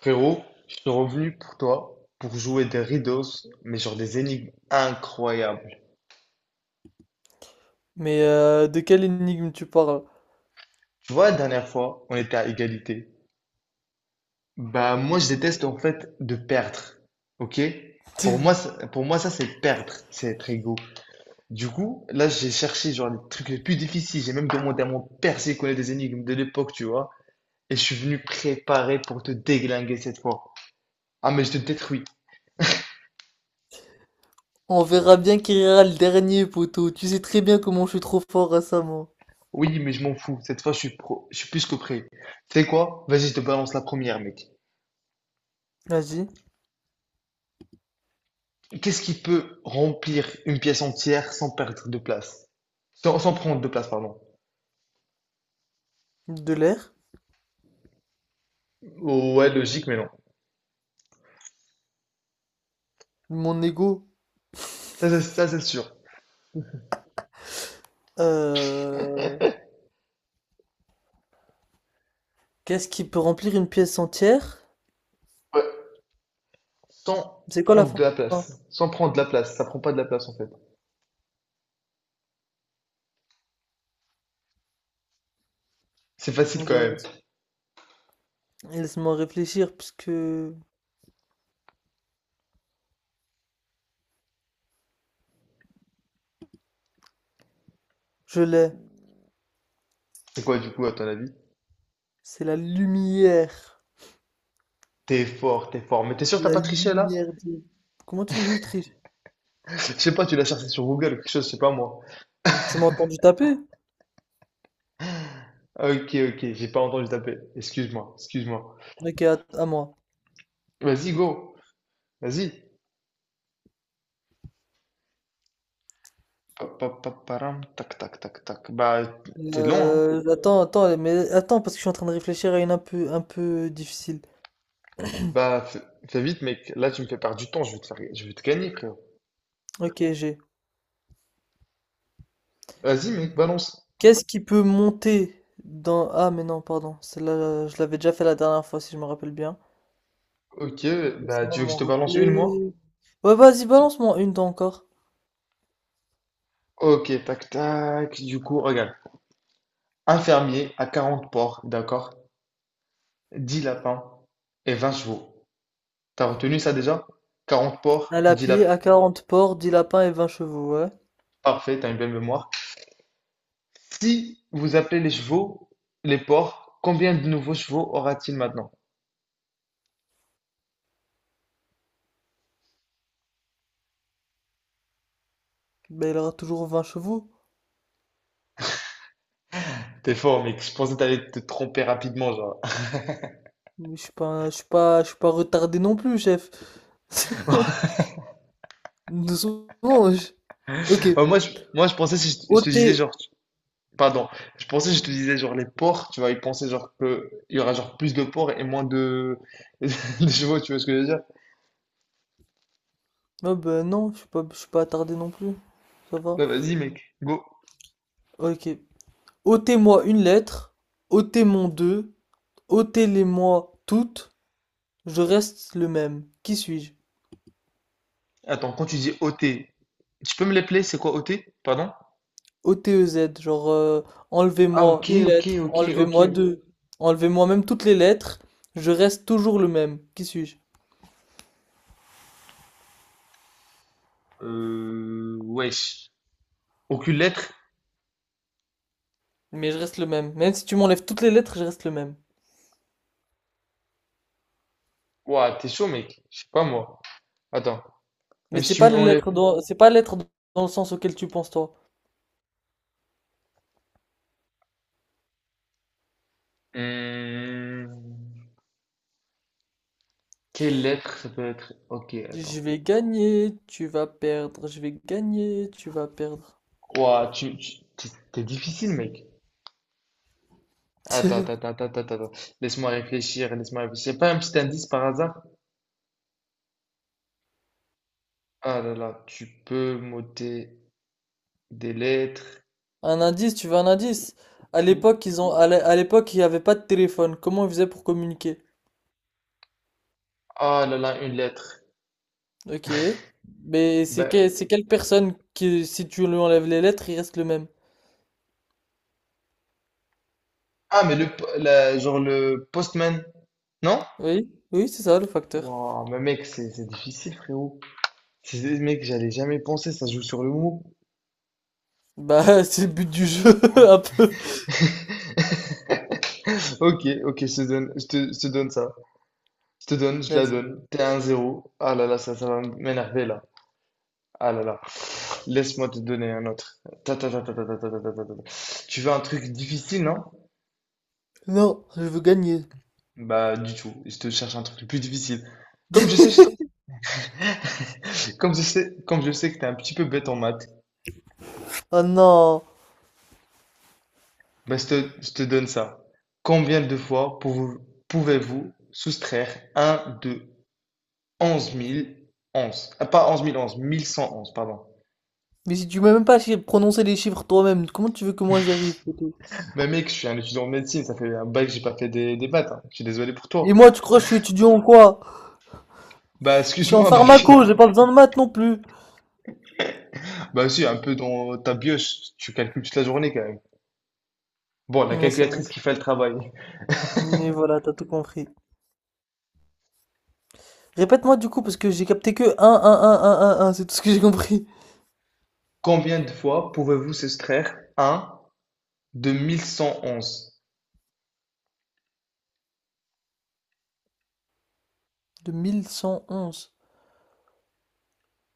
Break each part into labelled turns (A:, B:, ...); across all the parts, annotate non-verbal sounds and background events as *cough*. A: Frérot, je suis revenu pour toi pour jouer des riddles, mais genre des énigmes incroyables.
B: Mais de quelle énigme tu parles?
A: Tu vois, la dernière fois, on était à égalité. Bah, moi, je déteste en fait de perdre. Ok? Pour moi,
B: *laughs*
A: pour moi, ça, c'est perdre, c'est être égo. Du coup, là, j'ai cherché genre les trucs les plus difficiles. J'ai même demandé à mon père s'il connaît des énigmes de l'époque, tu vois. Et je suis venu préparé pour te déglinguer cette fois. Ah, mais je te détruis.
B: On verra bien qui rira le dernier, poteau. Tu sais très bien comment je suis trop fort récemment.
A: Oui, mais je m'en fous. Cette fois, je suis pro, je suis plus que prêt. Tu sais quoi? Vas-y, je te balance la première, mec.
B: Vas-y.
A: Qu'est-ce qui peut remplir une pièce entière sans perdre de place? Sans prendre de place, pardon.
B: De l'air.
A: Ouais, logique, mais non.
B: Mon ego.
A: Ça, c'est sûr.
B: Euh... Qu'est-ce qui peut remplir une pièce entière?
A: Ouais. Sans
B: C'est quoi la
A: prendre de
B: fin?
A: la place. Sans prendre de la place. Ça prend pas de la place, en fait. C'est facile quand
B: Oula,
A: même.
B: laisse-moi réfléchir puisque je l'ai.
A: C'est quoi, du coup, à ton avis?
B: C'est la lumière.
A: T'es fort, t'es fort. Mais t'es sûr que t'as
B: La
A: pas triché, là?
B: lumière des... Comment tu veux que je triche?
A: *laughs* Je sais pas, tu l'as cherché sur Google ou quelque chose, je sais pas moi.
B: Tu m'as entendu taper?
A: Ok, ok, j'ai pas entendu taper. Excuse-moi, excuse-moi.
B: Ok, à moi.
A: Vas-y, go. Vas-y. Param, tac, tac, tac, tac. Bah, t'es long, hein?
B: Attends, attends, mais attends, parce que je suis en train de réfléchir à une un peu difficile.
A: Bah, fais, fais vite, mec. Là, tu me fais perdre du temps. Je vais te gagner, frérot.
B: Ok, j'ai.
A: Vas-y, mec, balance.
B: Qu'est-ce qui peut monter dans... Ah, mais non, pardon. Celle-là, je l'avais déjà fait la dernière fois, si je me rappelle bien.
A: Ok, bah,
B: Laisse-moi
A: tu veux que
B: m'en
A: je te balance une, moi?
B: rappeler. Ouais, vas-y, balance-moi une dent encore.
A: Ok, tac, tac. Du coup, regarde. Un fermier à 40 porcs, d'accord? 10 lapins et 20 chevaux. T'as retenu ça déjà? quarante
B: Un
A: porcs, 10
B: lapier
A: lapins.
B: à 40 porcs, 10 lapins et 20 chevaux, ouais.
A: Parfait, t'as une belle mémoire. Si vous appelez les chevaux, les porcs, combien de nouveaux chevaux aura-t-il maintenant?
B: Ben, il aura toujours 20 chevaux.
A: T'es fort, mec. Je pensais que t'allais te tromper rapidement, genre.
B: Mais je suis pas retardé non plus, chef.
A: *laughs*
B: *laughs* Nous sommes... Ok.
A: Moi, je, moi, je pensais si je te
B: ôter...
A: disais, genre, pardon, je pensais je te disais genre les porcs, tu vois, ils pensaient genre que il y aura genre plus de porcs et moins de, *laughs* de chevaux, tu vois ce que je veux dire?
B: Oh ben non, je suis pas attardé non plus. Ça va?
A: Bah vas-y mec, go.
B: Ok. Ôtez-moi une lettre, ôtez moi deux, ôtez-les-moi toutes, je reste le même. Qui suis-je?
A: Attends, quand tu dis OT, tu peux me l'appeler, c'est quoi OT? Pardon?
B: O-T-E-Z,
A: Ah
B: enlevez-moi
A: ok,
B: une
A: ok,
B: lettre,
A: ok, ok.
B: enlevez-moi deux, enlevez-moi même toutes les lettres, je reste toujours le même. Qui suis-je?
A: Wesh. Aucune lettre?
B: Mais je reste le même. Même si tu m'enlèves toutes les lettres, je reste le même.
A: Ouah, t'es chaud mec, je sais pas moi. Attends,
B: Mais
A: même si
B: c'est
A: tu
B: pas les
A: m'enlèves...
B: lettres dans, c'est pas lettres dans le sens auquel tu penses toi.
A: Hmm, quelle lettre ça peut être? Ok,
B: Je
A: attends.
B: vais gagner, tu vas perdre, je vais gagner, tu vas perdre.
A: Ouah, t'es t'es difficile mec. Attends, attends,
B: *laughs*
A: attends, attends, attends, attends. Laisse-moi réfléchir, laisse-moi réfléchir. Y a pas un petit indice par hasard? Ah là là, tu peux m'ôter des lettres,
B: Un indice, tu veux un indice? À
A: tout.
B: l'époque, à l'époque, il n'y avait pas de téléphone. Comment ils faisaient pour communiquer?
A: Ah là là, une lettre.
B: Ok. C'est
A: Ben,
B: quelle personne qui, si tu lui enlèves les lettres, il reste le même?
A: ah, mais genre le postman, non?
B: Oui, oui, c'est ça le facteur.
A: Wow, mais mec, c'est difficile, frérot. Mec, j'allais jamais penser, ça joue sur le mot.
B: Bah, *laughs* c'est le but du jeu, *laughs* un peu.
A: *laughs* Ok, ok, je te donne ça. Je te donne, je la
B: Vas-y.
A: donne. T'es à 1-0. Ah là là, ça va m'énerver là. Ah là là. Laisse-moi te donner un autre. Ta, ta, ta, ta, ta, ta, ta, ta, ta, ta, ta. Tu veux un truc difficile, non?
B: Non, je veux gagner.
A: Bah, du tout. Je te cherche un truc le plus difficile. Comme je sais,
B: *laughs*
A: comme je sais que t'es un petit peu bête en maths,
B: Oh non.
A: bah, je te donne ça. Combien de fois pouvez- pouvez-vous soustraire un de 11 000 11? Ah, pas 11 000 11, 1111, pardon.
B: Mais si tu m'as même pas prononcé les chiffres toi-même, comment tu veux que moi j'y arrive, poteau.
A: Bah, mec, je suis un étudiant en médecine, ça fait un bail que j'ai pas fait des maths, hein. Je suis désolé pour toi.
B: Et moi, tu crois que je suis étudiant en quoi?
A: Bah,
B: Je suis en
A: excuse-moi, mec.
B: pharmaco, j'ai pas
A: *laughs*
B: besoin de maths non plus.
A: Bah, si, un peu dans ta bioche, tu calcules toute la journée quand même. Bon, la
B: Ouais, c'est vrai.
A: calculatrice qui fait le travail.
B: Mais voilà, t'as tout compris. Répète-moi du coup, parce que j'ai capté que un 1, c'est tout ce que j'ai compris.
A: Combien de fois pouvez-vous soustraire 1 de 1111?
B: De 1111.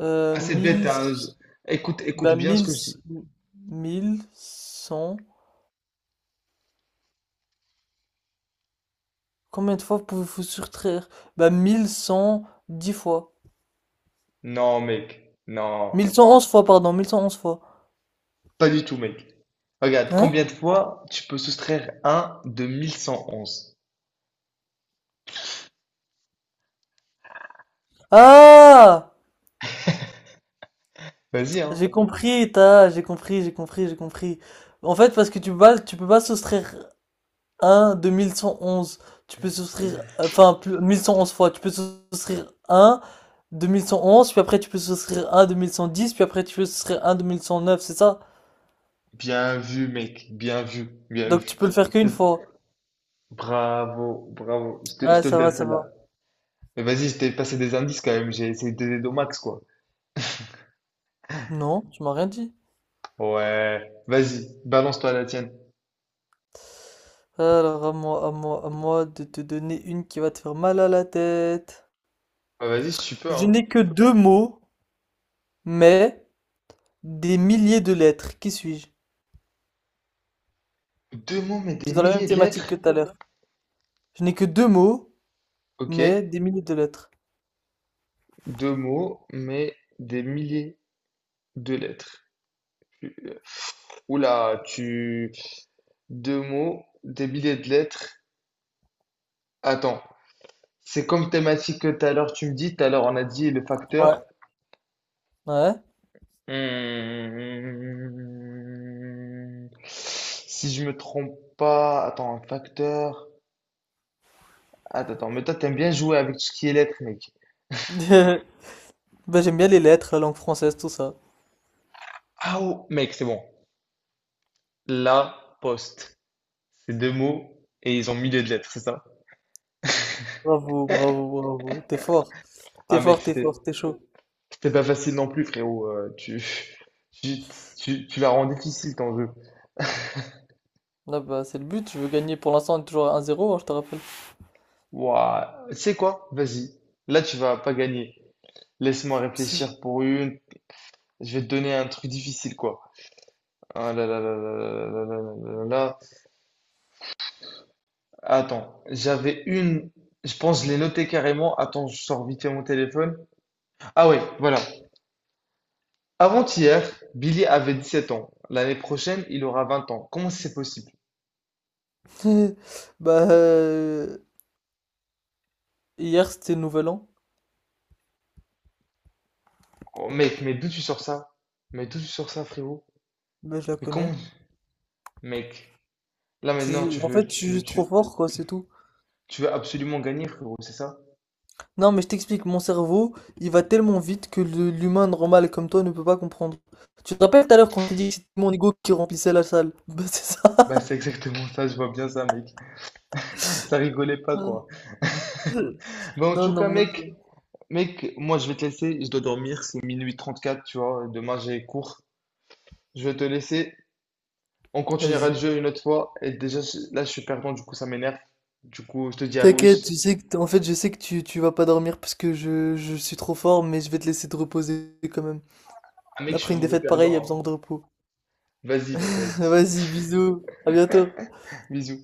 A: Ah, c'est bête,
B: Mille.
A: hein. Écoute, écoute
B: Bah,
A: bien ce que je dis.
B: mille cent. Combien de fois pouvez-vous soustraire? Bah, mille cent dix fois.
A: Non, mec.
B: Mille
A: Non.
B: cent onze fois, pardon, 1111 fois.
A: Pas du tout, mec. Regarde,
B: Hein?
A: combien de fois tu peux soustraire 1 de 1111?
B: Ah!
A: Vas-y, hein.
B: J'ai compris, j'ai compris. En fait, parce que tu peux pas soustraire 1 de mille cent onze. Tu peux souscrire, enfin, plus, 1111 fois. Tu peux souscrire 1 de mille cent onze, puis après tu peux souscrire 1 de mille cent dix, puis après tu peux souscrire 1 de mille cent neuf, c'est ça?
A: Bien vu, mec. Bien vu. Bien
B: Donc tu
A: vu.
B: peux le faire
A: Je
B: qu'une
A: te-
B: fois.
A: Bravo, bravo. Je
B: Ouais,
A: te le
B: ça va,
A: donne
B: ça
A: celle-là.
B: va.
A: Mais vas-y, je t'ai passé des indices quand même. J'ai essayé de t'aider au max, quoi.
B: Non, tu m'as rien dit.
A: Ouais. Vas-y, balance-toi la tienne.
B: Alors à moi de te donner une qui va te faire mal à la tête.
A: Bah, vas-y, si tu peux,
B: Je
A: hein.
B: n'ai que deux mots, mais des milliers de lettres. Qui suis-je?
A: Deux mots, mais
B: C'est
A: des
B: dans la même
A: milliers de
B: thématique que
A: lettres.
B: tout à l'heure. Je n'ai que deux mots,
A: Ok.
B: mais des milliers de lettres.
A: Deux mots, mais des milliers de lettres. Tu- euh, tu... Deux mots, des milliers de lettres. Attends. C'est comme thématique que tout à l'heure tu me dis. Tout à l'heure, on a dit le
B: Ouais.
A: facteur.
B: Ouais.
A: Hmm. Si je me trompe pas... Attends, un facteur... Attends, attends. Mais toi, t'aimes bien jouer avec tout ce qui est lettres, mec.
B: *laughs* Bah, j'aime bien les lettres, la langue française, tout ça.
A: Ah, oh, mec, c'est bon. La poste. C'est deux mots et ils ont mis les lettres, c'est ça?
B: Bravo, bravo, bravo. T'es fort. T'es
A: Ah mec,
B: fort, t'es fort, t'es chaud.
A: c'était pas facile non plus, frérot. *laughs* Tu, tu la rends difficile ton jeu.
B: Là, bah, c'est le but. Je veux gagner. Pour l'instant, on est toujours à un zéro, hein, je te rappelle.
A: Ouah, tu sais quoi? Vas-y. Là, tu vas pas gagner. Laisse-moi réfléchir
B: *laughs*
A: pour une. Je vais te donner un truc difficile, quoi. Ah là là là là là là là là là là là. Attends, j'avais une. Je pense que je l'ai notée carrément. Attends, je sors vite fait mon téléphone. Ah ouais, voilà. Avant-hier, Billy avait 17 ans. L'année prochaine, il aura 20 ans. Comment c'est possible?
B: Bah, hier, c'était le Nouvel An.
A: Oh, mec, mais d'où tu sors ça? Mais d'où tu sors ça, frérot?
B: Bah, je la
A: Mais
B: connais.
A: comment? Mec, là maintenant,
B: En fait, je suis juste trop fort, quoi, c'est tout.
A: tu veux absolument gagner, frérot, c'est ça?
B: Non, mais je t'explique. Mon cerveau, il va tellement vite que l'humain normal comme toi ne peut pas comprendre. Tu te rappelles tout à l'heure quand t'as dit que c'était mon ego qui remplissait la salle? *laughs* Bah, c'est ça.
A: Bah, c'est exactement ça, je vois bien ça, mec. Ça rigolait pas, quoi.
B: *laughs*
A: Bah, en
B: Non,
A: tout
B: non,
A: cas,
B: moi-
A: mec, moi, je vais te laisser, je dois dormir, c'est 0:34, tu vois, demain, j'ai cours. Je vais te laisser, on continuera
B: Vas-y.
A: le jeu une autre fois, et déjà, là, je suis perdant, du coup, ça m'énerve. Du coup, je te dis à
B: T'inquiète,
A: plus.
B: tu sais que en fait je sais que tu vas pas dormir parce que je suis trop fort, mais je vais te laisser te reposer quand même.
A: Ah, mec, je suis
B: Après
A: un
B: une
A: mauvais
B: défaite pareille, il y a
A: perdant,
B: besoin de
A: hein.
B: repos.
A: Vas-y, mec,
B: *laughs*
A: vas-y.
B: Vas-y, bisous, à bientôt.
A: Bisous.